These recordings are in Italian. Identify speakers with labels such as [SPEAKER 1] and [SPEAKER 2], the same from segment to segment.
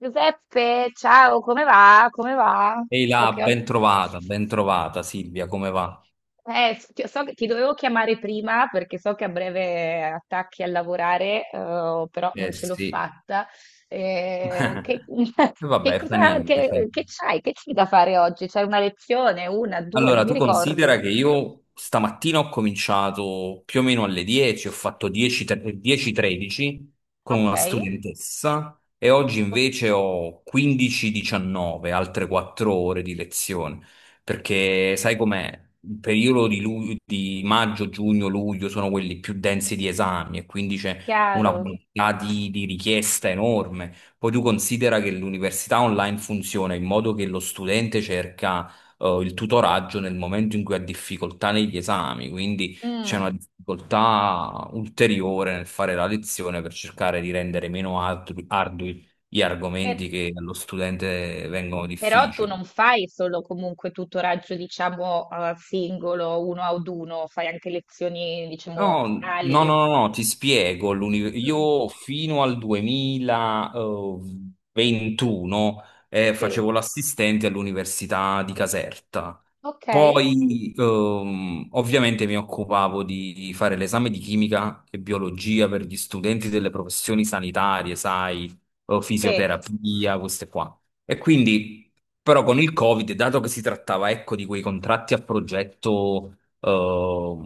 [SPEAKER 1] Giuseppe, ciao, come va? Come va?
[SPEAKER 2] Ehi
[SPEAKER 1] So
[SPEAKER 2] là,
[SPEAKER 1] che oggi...
[SPEAKER 2] ben trovata Silvia, come va?
[SPEAKER 1] eh, s- ti- so che ti dovevo chiamare prima perché so che a breve attacchi a lavorare, però non
[SPEAKER 2] Eh
[SPEAKER 1] ce l'ho
[SPEAKER 2] sì.
[SPEAKER 1] fatta. Che,
[SPEAKER 2] E
[SPEAKER 1] che
[SPEAKER 2] vabbè, fa
[SPEAKER 1] cosa,
[SPEAKER 2] niente, fa
[SPEAKER 1] che
[SPEAKER 2] niente.
[SPEAKER 1] c'hai? Che c'hai da fare oggi? C'hai una lezione? Una, due? Non
[SPEAKER 2] Allora,
[SPEAKER 1] mi
[SPEAKER 2] tu
[SPEAKER 1] ricordo.
[SPEAKER 2] considera che io stamattina ho cominciato più o meno alle 10, ho fatto 10-13 con
[SPEAKER 1] Ok,
[SPEAKER 2] una studentessa e oggi invece ho 15-19, altre 4 ore di lezione, perché sai com'è? Il periodo di maggio, giugno, luglio sono quelli più densi di esami e quindi c'è una
[SPEAKER 1] chiaro.
[SPEAKER 2] quantità di richiesta enorme. Poi tu considera che l'università online funziona in modo che lo studente cerca il tutoraggio nel momento in cui ha difficoltà negli esami, quindi c'è una
[SPEAKER 1] Mm.
[SPEAKER 2] difficoltà ulteriore nel fare la lezione per cercare di rendere meno ardui gli argomenti che allo studente vengono
[SPEAKER 1] Però tu
[SPEAKER 2] difficili.
[SPEAKER 1] non fai solo comunque tutoraggio, diciamo, a singolo, uno ad uno, fai anche lezioni, diciamo,
[SPEAKER 2] No, no, no,
[SPEAKER 1] corali.
[SPEAKER 2] no, no, ti spiego.
[SPEAKER 1] Mm,
[SPEAKER 2] Io fino al 2021
[SPEAKER 1] sì,
[SPEAKER 2] facevo l'assistente all'università di Caserta.
[SPEAKER 1] ok,
[SPEAKER 2] Poi, ovviamente, mi occupavo di fare l'esame di chimica e biologia per gli studenti delle professioni sanitarie, sai, o
[SPEAKER 1] sì.
[SPEAKER 2] fisioterapia, queste qua. E quindi, però, con il Covid, dato che si trattava, ecco, di quei contratti a progetto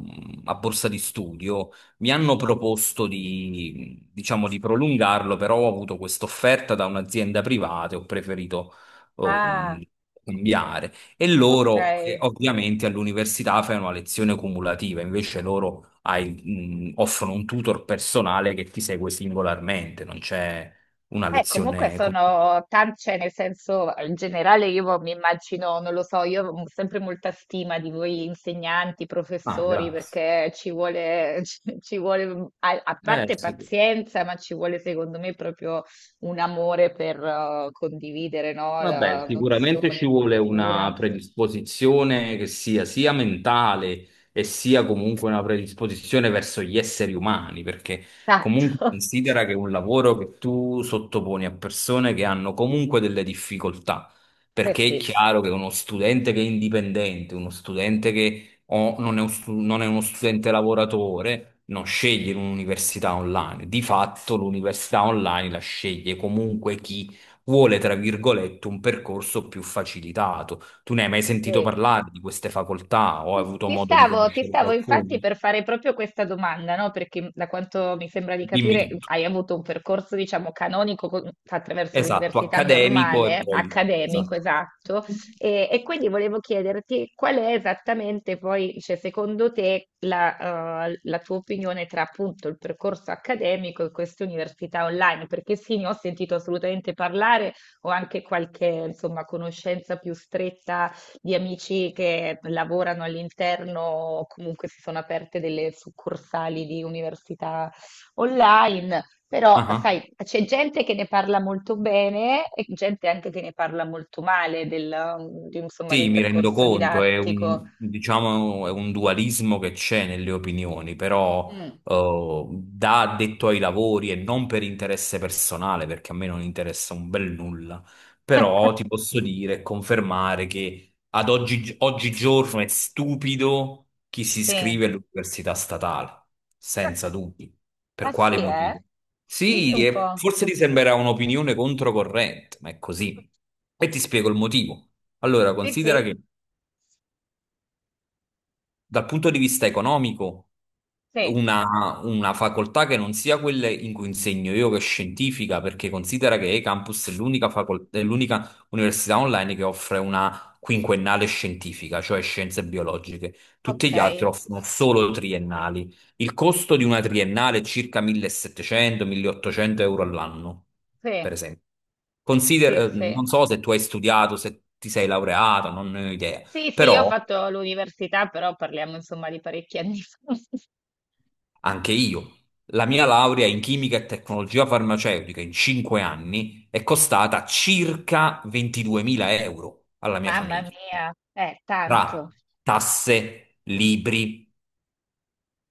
[SPEAKER 2] a borsa di studio. Mi hanno proposto di, diciamo, di prolungarlo, però ho avuto questa offerta da un'azienda privata e ho preferito
[SPEAKER 1] Ah,
[SPEAKER 2] ehm, cambiare. E
[SPEAKER 1] ok.
[SPEAKER 2] loro, ovviamente, all'università fanno una lezione cumulativa, invece loro offrono un tutor personale che ti segue singolarmente, non c'è una
[SPEAKER 1] Comunque
[SPEAKER 2] lezione con...
[SPEAKER 1] sono tanti, cioè nel senso, in generale io mi immagino, non lo so, io ho sempre molta stima di voi insegnanti,
[SPEAKER 2] Ah,
[SPEAKER 1] professori,
[SPEAKER 2] grazie.
[SPEAKER 1] perché ci vuole, ci vuole, a parte
[SPEAKER 2] Sì.
[SPEAKER 1] pazienza, ma ci vuole secondo me proprio un amore per condividere, no?
[SPEAKER 2] Vabbè, sicuramente
[SPEAKER 1] Nozioni,
[SPEAKER 2] ci vuole una
[SPEAKER 1] cultura.
[SPEAKER 2] predisposizione che sia mentale e sia comunque una predisposizione verso gli esseri umani, perché comunque
[SPEAKER 1] Esatto.
[SPEAKER 2] considera che è un lavoro che tu sottoponi a persone che hanno comunque delle difficoltà,
[SPEAKER 1] Eh
[SPEAKER 2] perché è
[SPEAKER 1] sì,
[SPEAKER 2] chiaro che uno studente che è indipendente, uno studente che o non è uno studente lavoratore, non sceglie un'università online. Di fatto l'università online la sceglie comunque chi vuole, tra virgolette, un percorso più facilitato. Tu ne hai mai sentito
[SPEAKER 1] sì.
[SPEAKER 2] parlare di queste facoltà o hai avuto
[SPEAKER 1] Ti
[SPEAKER 2] modo di
[SPEAKER 1] stavo, ti
[SPEAKER 2] conoscere
[SPEAKER 1] stavo
[SPEAKER 2] qualcuno?
[SPEAKER 1] infatti per fare proprio questa domanda, no? Perché da quanto mi sembra di
[SPEAKER 2] Dimmi
[SPEAKER 1] capire
[SPEAKER 2] tutto.
[SPEAKER 1] hai avuto un percorso, diciamo, canonico attraverso
[SPEAKER 2] Esatto,
[SPEAKER 1] l'università
[SPEAKER 2] accademico e
[SPEAKER 1] normale,
[SPEAKER 2] poi...
[SPEAKER 1] accademico,
[SPEAKER 2] Esatto.
[SPEAKER 1] esatto, e quindi volevo chiederti qual è esattamente poi, cioè, secondo te, la tua opinione tra appunto il percorso accademico e queste università online, perché sì, ne ho sentito assolutamente parlare, ho anche qualche, insomma, conoscenza più stretta di amici che lavorano all'interno, o comunque si sono aperte delle succursali di università online, però
[SPEAKER 2] Ah,
[SPEAKER 1] sai, c'è gente che ne parla molto bene e gente anche che ne parla molto male insomma,
[SPEAKER 2] sì,
[SPEAKER 1] del
[SPEAKER 2] mi rendo
[SPEAKER 1] percorso
[SPEAKER 2] conto, è
[SPEAKER 1] didattico.
[SPEAKER 2] un, diciamo, è un dualismo che c'è nelle opinioni, però
[SPEAKER 1] Mm.
[SPEAKER 2] da addetto ai lavori e non per interesse personale, perché a me non interessa un bel nulla, però ti posso dire e confermare che ad oggi, oggigiorno è stupido chi si
[SPEAKER 1] Sì,
[SPEAKER 2] iscrive all'università statale, senza dubbi. Per
[SPEAKER 1] ma
[SPEAKER 2] quale
[SPEAKER 1] sì,
[SPEAKER 2] motivo?
[SPEAKER 1] eh? Dimmi
[SPEAKER 2] Sì,
[SPEAKER 1] un
[SPEAKER 2] e
[SPEAKER 1] po'.
[SPEAKER 2] forse ti sembrerà un'opinione controcorrente, ma è così. E ti spiego il motivo. Allora,
[SPEAKER 1] Sì,
[SPEAKER 2] considera
[SPEAKER 1] sì,
[SPEAKER 2] che dal punto di vista economico,
[SPEAKER 1] sì,
[SPEAKER 2] una facoltà che non sia quella in cui insegno io, che è scientifica, perché considera che E-Campus è l'unica università online che offre una quinquennale scientifica, cioè scienze biologiche. Tutti
[SPEAKER 1] ok,
[SPEAKER 2] gli altri offrono solo triennali. Il costo di una triennale è circa 1700-1800 euro all'anno,
[SPEAKER 1] sì,
[SPEAKER 2] per esempio.
[SPEAKER 1] sì, sì.
[SPEAKER 2] Non so se tu hai studiato, se ti sei laureato, non ne ho idea,
[SPEAKER 1] Sì, sì, io ho
[SPEAKER 2] però
[SPEAKER 1] fatto l'università, però parliamo insomma di parecchi anni fa.
[SPEAKER 2] anche io. La mia laurea in chimica e tecnologia farmaceutica in 5 anni è costata circa 22.000 euro alla mia
[SPEAKER 1] Mamma
[SPEAKER 2] famiglia,
[SPEAKER 1] mia, tanto,
[SPEAKER 2] tra tasse, libri,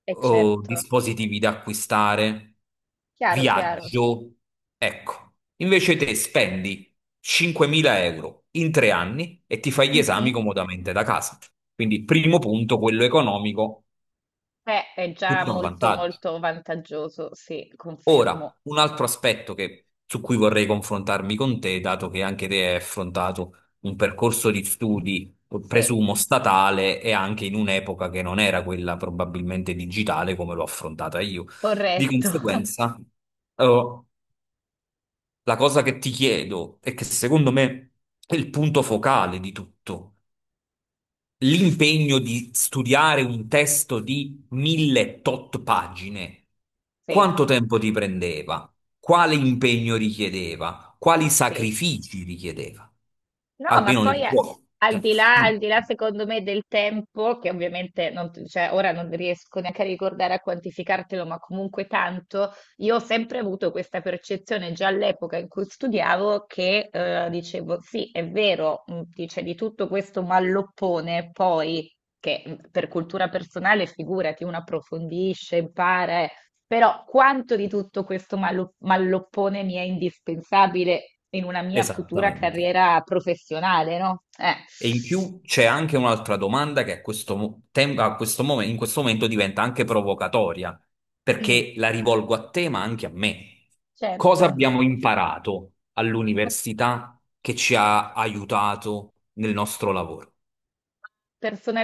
[SPEAKER 1] è
[SPEAKER 2] oh,
[SPEAKER 1] certo,
[SPEAKER 2] dispositivi da acquistare,
[SPEAKER 1] chiaro, chiaro.
[SPEAKER 2] viaggio. Ecco, invece te spendi 5.000 euro in 3 anni e ti fai gli esami
[SPEAKER 1] Mhm.
[SPEAKER 2] comodamente da casa. Quindi, primo punto, quello economico,
[SPEAKER 1] Beh, è già
[SPEAKER 2] tutto a
[SPEAKER 1] molto,
[SPEAKER 2] vantaggio.
[SPEAKER 1] molto vantaggioso, sì, confermo.
[SPEAKER 2] Ora, un altro aspetto su cui vorrei confrontarmi con te, dato che anche te hai affrontato un percorso di studi,
[SPEAKER 1] Sì,
[SPEAKER 2] presumo statale, e anche in un'epoca che non era quella probabilmente digitale come l'ho affrontata io. Di
[SPEAKER 1] corretto,
[SPEAKER 2] conseguenza, eh, la cosa che ti chiedo e che secondo me è il punto focale di tutto l'impegno di studiare un testo di mille tot pagine,
[SPEAKER 1] sì,
[SPEAKER 2] quanto tempo ti prendeva? Quale impegno richiedeva? Quali
[SPEAKER 1] sì.
[SPEAKER 2] sacrifici richiedeva?
[SPEAKER 1] No, ma
[SPEAKER 2] Almeno nel
[SPEAKER 1] poi
[SPEAKER 2] tuo. eh, mm,
[SPEAKER 1] al di là, secondo me, del tempo, che ovviamente non, cioè, ora non riesco neanche a ricordare a quantificartelo, ma comunque tanto, io ho sempre avuto questa percezione già all'epoca in cui studiavo che dicevo, sì, è vero, dice di tutto questo malloppone, poi che per cultura personale, figurati, uno approfondisce, impara, però quanto di tutto questo malloppone mi è indispensabile in una mia futura
[SPEAKER 2] Esattamente.
[SPEAKER 1] carriera professionale, no?
[SPEAKER 2] E in più c'è anche un'altra domanda che a questo, mo- tem- a questo mom- in questo momento diventa anche provocatoria,
[SPEAKER 1] Mm,
[SPEAKER 2] perché la rivolgo a te, ma anche a me. Cosa
[SPEAKER 1] certo.
[SPEAKER 2] abbiamo imparato all'università che ci ha aiutato nel nostro lavoro?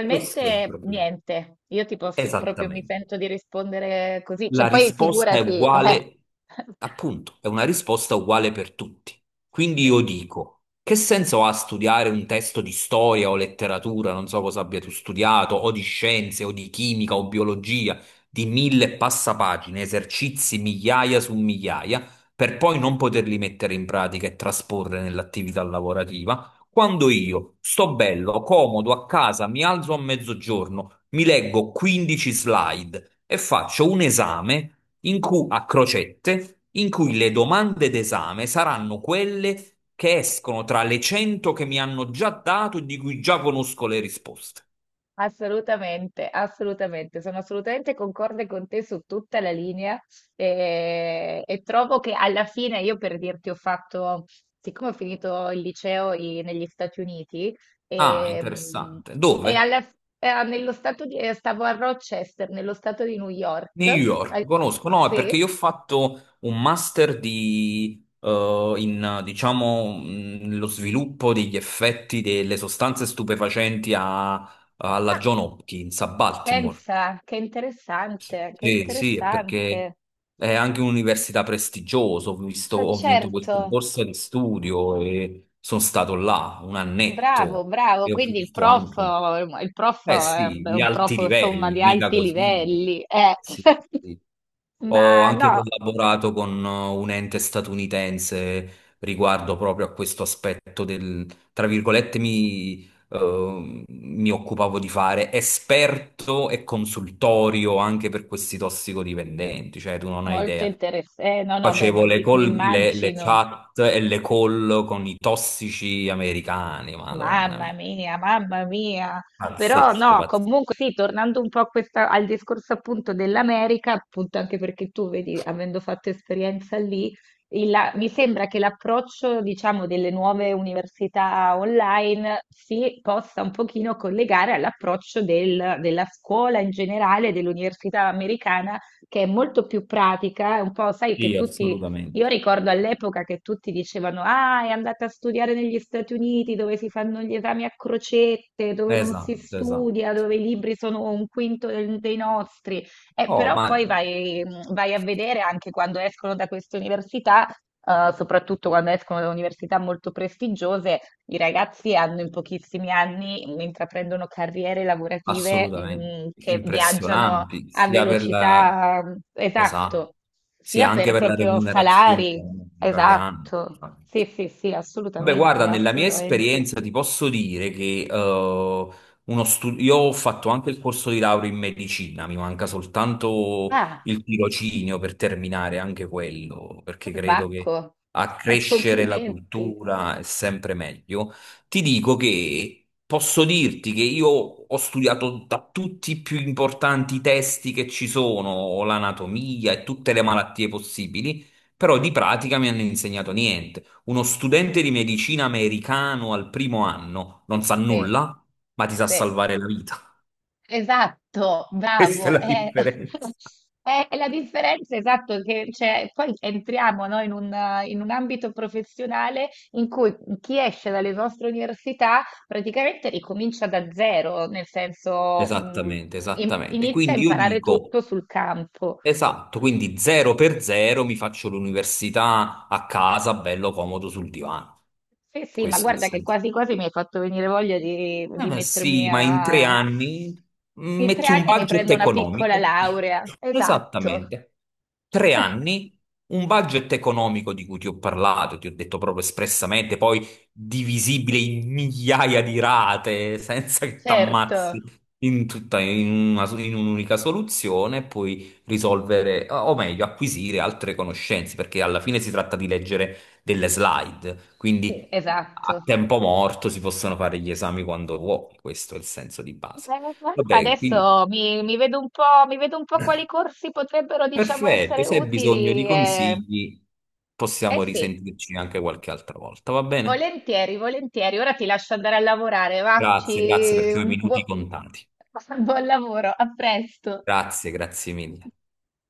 [SPEAKER 2] Questo è il problema.
[SPEAKER 1] niente, io ti posso proprio mi
[SPEAKER 2] Esattamente.
[SPEAKER 1] sento di rispondere così,
[SPEAKER 2] La
[SPEAKER 1] cioè poi
[SPEAKER 2] risposta è
[SPEAKER 1] figurati,
[SPEAKER 2] uguale,
[SPEAKER 1] eh.
[SPEAKER 2] appunto, è una risposta uguale per tutti. Quindi
[SPEAKER 1] Sì.
[SPEAKER 2] io dico, che senso ha studiare un testo di storia o letteratura, non so cosa abbia tu studiato, o di scienze, o di chimica, o biologia, di mille e passa pagine, esercizi migliaia su migliaia, per poi non poterli mettere in pratica e trasporre nell'attività lavorativa, quando io sto bello, comodo, a casa, mi alzo a mezzogiorno, mi leggo 15 slide e faccio un esame in cui, a crocette in cui le domande d'esame saranno quelle che escono tra le 100 che mi hanno già dato e di cui già conosco le risposte.
[SPEAKER 1] Assolutamente, assolutamente, sono assolutamente concorde con te su tutta la linea e, trovo che alla fine io per dirti ho fatto, siccome ho finito il liceo negli Stati Uniti
[SPEAKER 2] Ah,
[SPEAKER 1] ehm,
[SPEAKER 2] interessante.
[SPEAKER 1] e,
[SPEAKER 2] Dove?
[SPEAKER 1] nello stato stavo a Rochester, nello stato di New York.
[SPEAKER 2] New York.
[SPEAKER 1] al-
[SPEAKER 2] Conosco, no, è
[SPEAKER 1] sì.
[SPEAKER 2] perché io ho fatto un master in, diciamo, lo sviluppo degli effetti delle sostanze stupefacenti alla
[SPEAKER 1] Ah,
[SPEAKER 2] John Hopkins a Baltimore.
[SPEAKER 1] pensa, che
[SPEAKER 2] Sì, sì, è perché
[SPEAKER 1] interessante,
[SPEAKER 2] è anche un'università prestigiosa,
[SPEAKER 1] ma
[SPEAKER 2] ho vinto questa
[SPEAKER 1] certo.
[SPEAKER 2] borsa di studio e sono stato là un
[SPEAKER 1] Bravo,
[SPEAKER 2] annetto
[SPEAKER 1] bravo.
[SPEAKER 2] e ho
[SPEAKER 1] Quindi il
[SPEAKER 2] visto
[SPEAKER 1] prof,
[SPEAKER 2] anche un...
[SPEAKER 1] il prof
[SPEAKER 2] Eh
[SPEAKER 1] è un,
[SPEAKER 2] sì,
[SPEAKER 1] è
[SPEAKER 2] di
[SPEAKER 1] un prof
[SPEAKER 2] alti
[SPEAKER 1] insomma
[SPEAKER 2] livelli,
[SPEAKER 1] di
[SPEAKER 2] mica
[SPEAKER 1] alti
[SPEAKER 2] così.
[SPEAKER 1] livelli.
[SPEAKER 2] Sì, sì. Ho
[SPEAKER 1] Ma
[SPEAKER 2] anche
[SPEAKER 1] no,
[SPEAKER 2] collaborato con un ente statunitense riguardo proprio a questo aspetto del, tra virgolette, mi occupavo di fare esperto e consultorio anche per questi tossicodipendenti, cioè tu non hai
[SPEAKER 1] molto
[SPEAKER 2] idea.
[SPEAKER 1] interessante. No, no, beh, ma
[SPEAKER 2] Facevo le,
[SPEAKER 1] mi
[SPEAKER 2] call- le, le
[SPEAKER 1] immagino.
[SPEAKER 2] chat e le call con i tossici americani, madonna
[SPEAKER 1] Mamma
[SPEAKER 2] mia.
[SPEAKER 1] mia, mamma mia. Però
[SPEAKER 2] Pazzesco,
[SPEAKER 1] no,
[SPEAKER 2] pazzesco.
[SPEAKER 1] comunque sì, tornando un po' a al discorso appunto dell'America, appunto anche perché tu vedi, avendo fatto esperienza lì, mi sembra che l'approccio, diciamo, delle nuove università online si possa un pochino collegare all'approccio della scuola in generale, dell'università americana, che è molto più pratica, è un po', sai, che
[SPEAKER 2] Sì,
[SPEAKER 1] tutti io
[SPEAKER 2] assolutamente.
[SPEAKER 1] ricordo all'epoca che tutti dicevano: Ah, è andata a studiare negli Stati Uniti dove si fanno gli esami a crocette, dove non si
[SPEAKER 2] Esatto, esatto.
[SPEAKER 1] studia, dove i libri sono un quinto dei nostri. Eh,
[SPEAKER 2] Oh,
[SPEAKER 1] però
[SPEAKER 2] ma
[SPEAKER 1] poi vai a vedere anche quando escono da queste università, soprattutto quando escono da università molto prestigiose, i ragazzi hanno in pochissimi anni, intraprendono carriere lavorative,
[SPEAKER 2] assolutamente
[SPEAKER 1] che viaggiano
[SPEAKER 2] impressionanti,
[SPEAKER 1] a
[SPEAKER 2] sia per la...
[SPEAKER 1] velocità,
[SPEAKER 2] Esatto,
[SPEAKER 1] esatto,
[SPEAKER 2] sia
[SPEAKER 1] sia
[SPEAKER 2] anche
[SPEAKER 1] per
[SPEAKER 2] per la
[SPEAKER 1] proprio
[SPEAKER 2] remunerazione
[SPEAKER 1] salari,
[SPEAKER 2] economica che hanno.
[SPEAKER 1] esatto, sì, sì, sì,
[SPEAKER 2] Beh,
[SPEAKER 1] assolutamente,
[SPEAKER 2] guarda, nella mia
[SPEAKER 1] assolutamente.
[SPEAKER 2] esperienza ti posso dire che io ho fatto anche il corso di laurea in medicina, mi manca soltanto
[SPEAKER 1] Ah,
[SPEAKER 2] il tirocinio per terminare anche quello, perché credo che
[SPEAKER 1] Bacco,
[SPEAKER 2] accrescere la
[SPEAKER 1] complimenti,
[SPEAKER 2] cultura è sempre meglio. Ti dico che posso dirti che io ho studiato da tutti i più importanti testi che ci sono, l'anatomia e tutte le malattie possibili, però di pratica mi hanno insegnato niente. Uno studente di medicina americano al primo anno non sa
[SPEAKER 1] sì,
[SPEAKER 2] nulla, ma ti sa
[SPEAKER 1] sì.
[SPEAKER 2] salvare la vita.
[SPEAKER 1] Esatto,
[SPEAKER 2] Questa è
[SPEAKER 1] bravo.
[SPEAKER 2] la
[SPEAKER 1] È,
[SPEAKER 2] differenza.
[SPEAKER 1] è la differenza, esatto, che c'è. Poi entriamo, no, in un ambito professionale in cui chi esce dalle vostre università praticamente ricomincia da zero, nel senso,
[SPEAKER 2] Esattamente, esattamente.
[SPEAKER 1] inizia a
[SPEAKER 2] Quindi io
[SPEAKER 1] imparare
[SPEAKER 2] dico,
[SPEAKER 1] tutto sul campo.
[SPEAKER 2] esatto, quindi zero per zero mi faccio l'università a casa, bello comodo sul divano.
[SPEAKER 1] Sì, sì, ma
[SPEAKER 2] Questo è il
[SPEAKER 1] guarda che
[SPEAKER 2] senso.
[SPEAKER 1] quasi quasi mi hai fatto venire voglia di, di
[SPEAKER 2] Ma
[SPEAKER 1] mettermi
[SPEAKER 2] sì, ma in tre
[SPEAKER 1] a.
[SPEAKER 2] anni
[SPEAKER 1] In tre
[SPEAKER 2] metti un
[SPEAKER 1] anni mi
[SPEAKER 2] budget
[SPEAKER 1] prendo una piccola
[SPEAKER 2] economico.
[SPEAKER 1] laurea. Esatto,
[SPEAKER 2] Esattamente. Tre anni, un budget economico di cui ti ho parlato, ti ho detto proprio espressamente, poi divisibile in migliaia di rate, senza che ti
[SPEAKER 1] certo.
[SPEAKER 2] ammazzi in tutta, in un'unica soluzione, e poi risolvere, o meglio, acquisire altre conoscenze, perché alla fine si tratta di leggere delle slide.
[SPEAKER 1] Sì,
[SPEAKER 2] Quindi
[SPEAKER 1] esatto.
[SPEAKER 2] a tempo morto si possono fare gli esami quando vuoi, questo è il senso di base.
[SPEAKER 1] Eh,
[SPEAKER 2] Vabbè, quindi
[SPEAKER 1] Adesso mi, mi vedo un po', mi vedo un po' quali corsi potrebbero, diciamo,
[SPEAKER 2] perfetto,
[SPEAKER 1] essere
[SPEAKER 2] se hai bisogno di
[SPEAKER 1] utili. Eh,
[SPEAKER 2] consigli
[SPEAKER 1] eh
[SPEAKER 2] possiamo
[SPEAKER 1] sì,
[SPEAKER 2] risentirci anche qualche altra volta, va bene?
[SPEAKER 1] volentieri, volentieri. Ora ti lascio andare a lavorare, va?
[SPEAKER 2] Grazie, grazie perché ho i minuti contati.
[SPEAKER 1] Buon lavoro, a presto.
[SPEAKER 2] Grazie, grazie mille.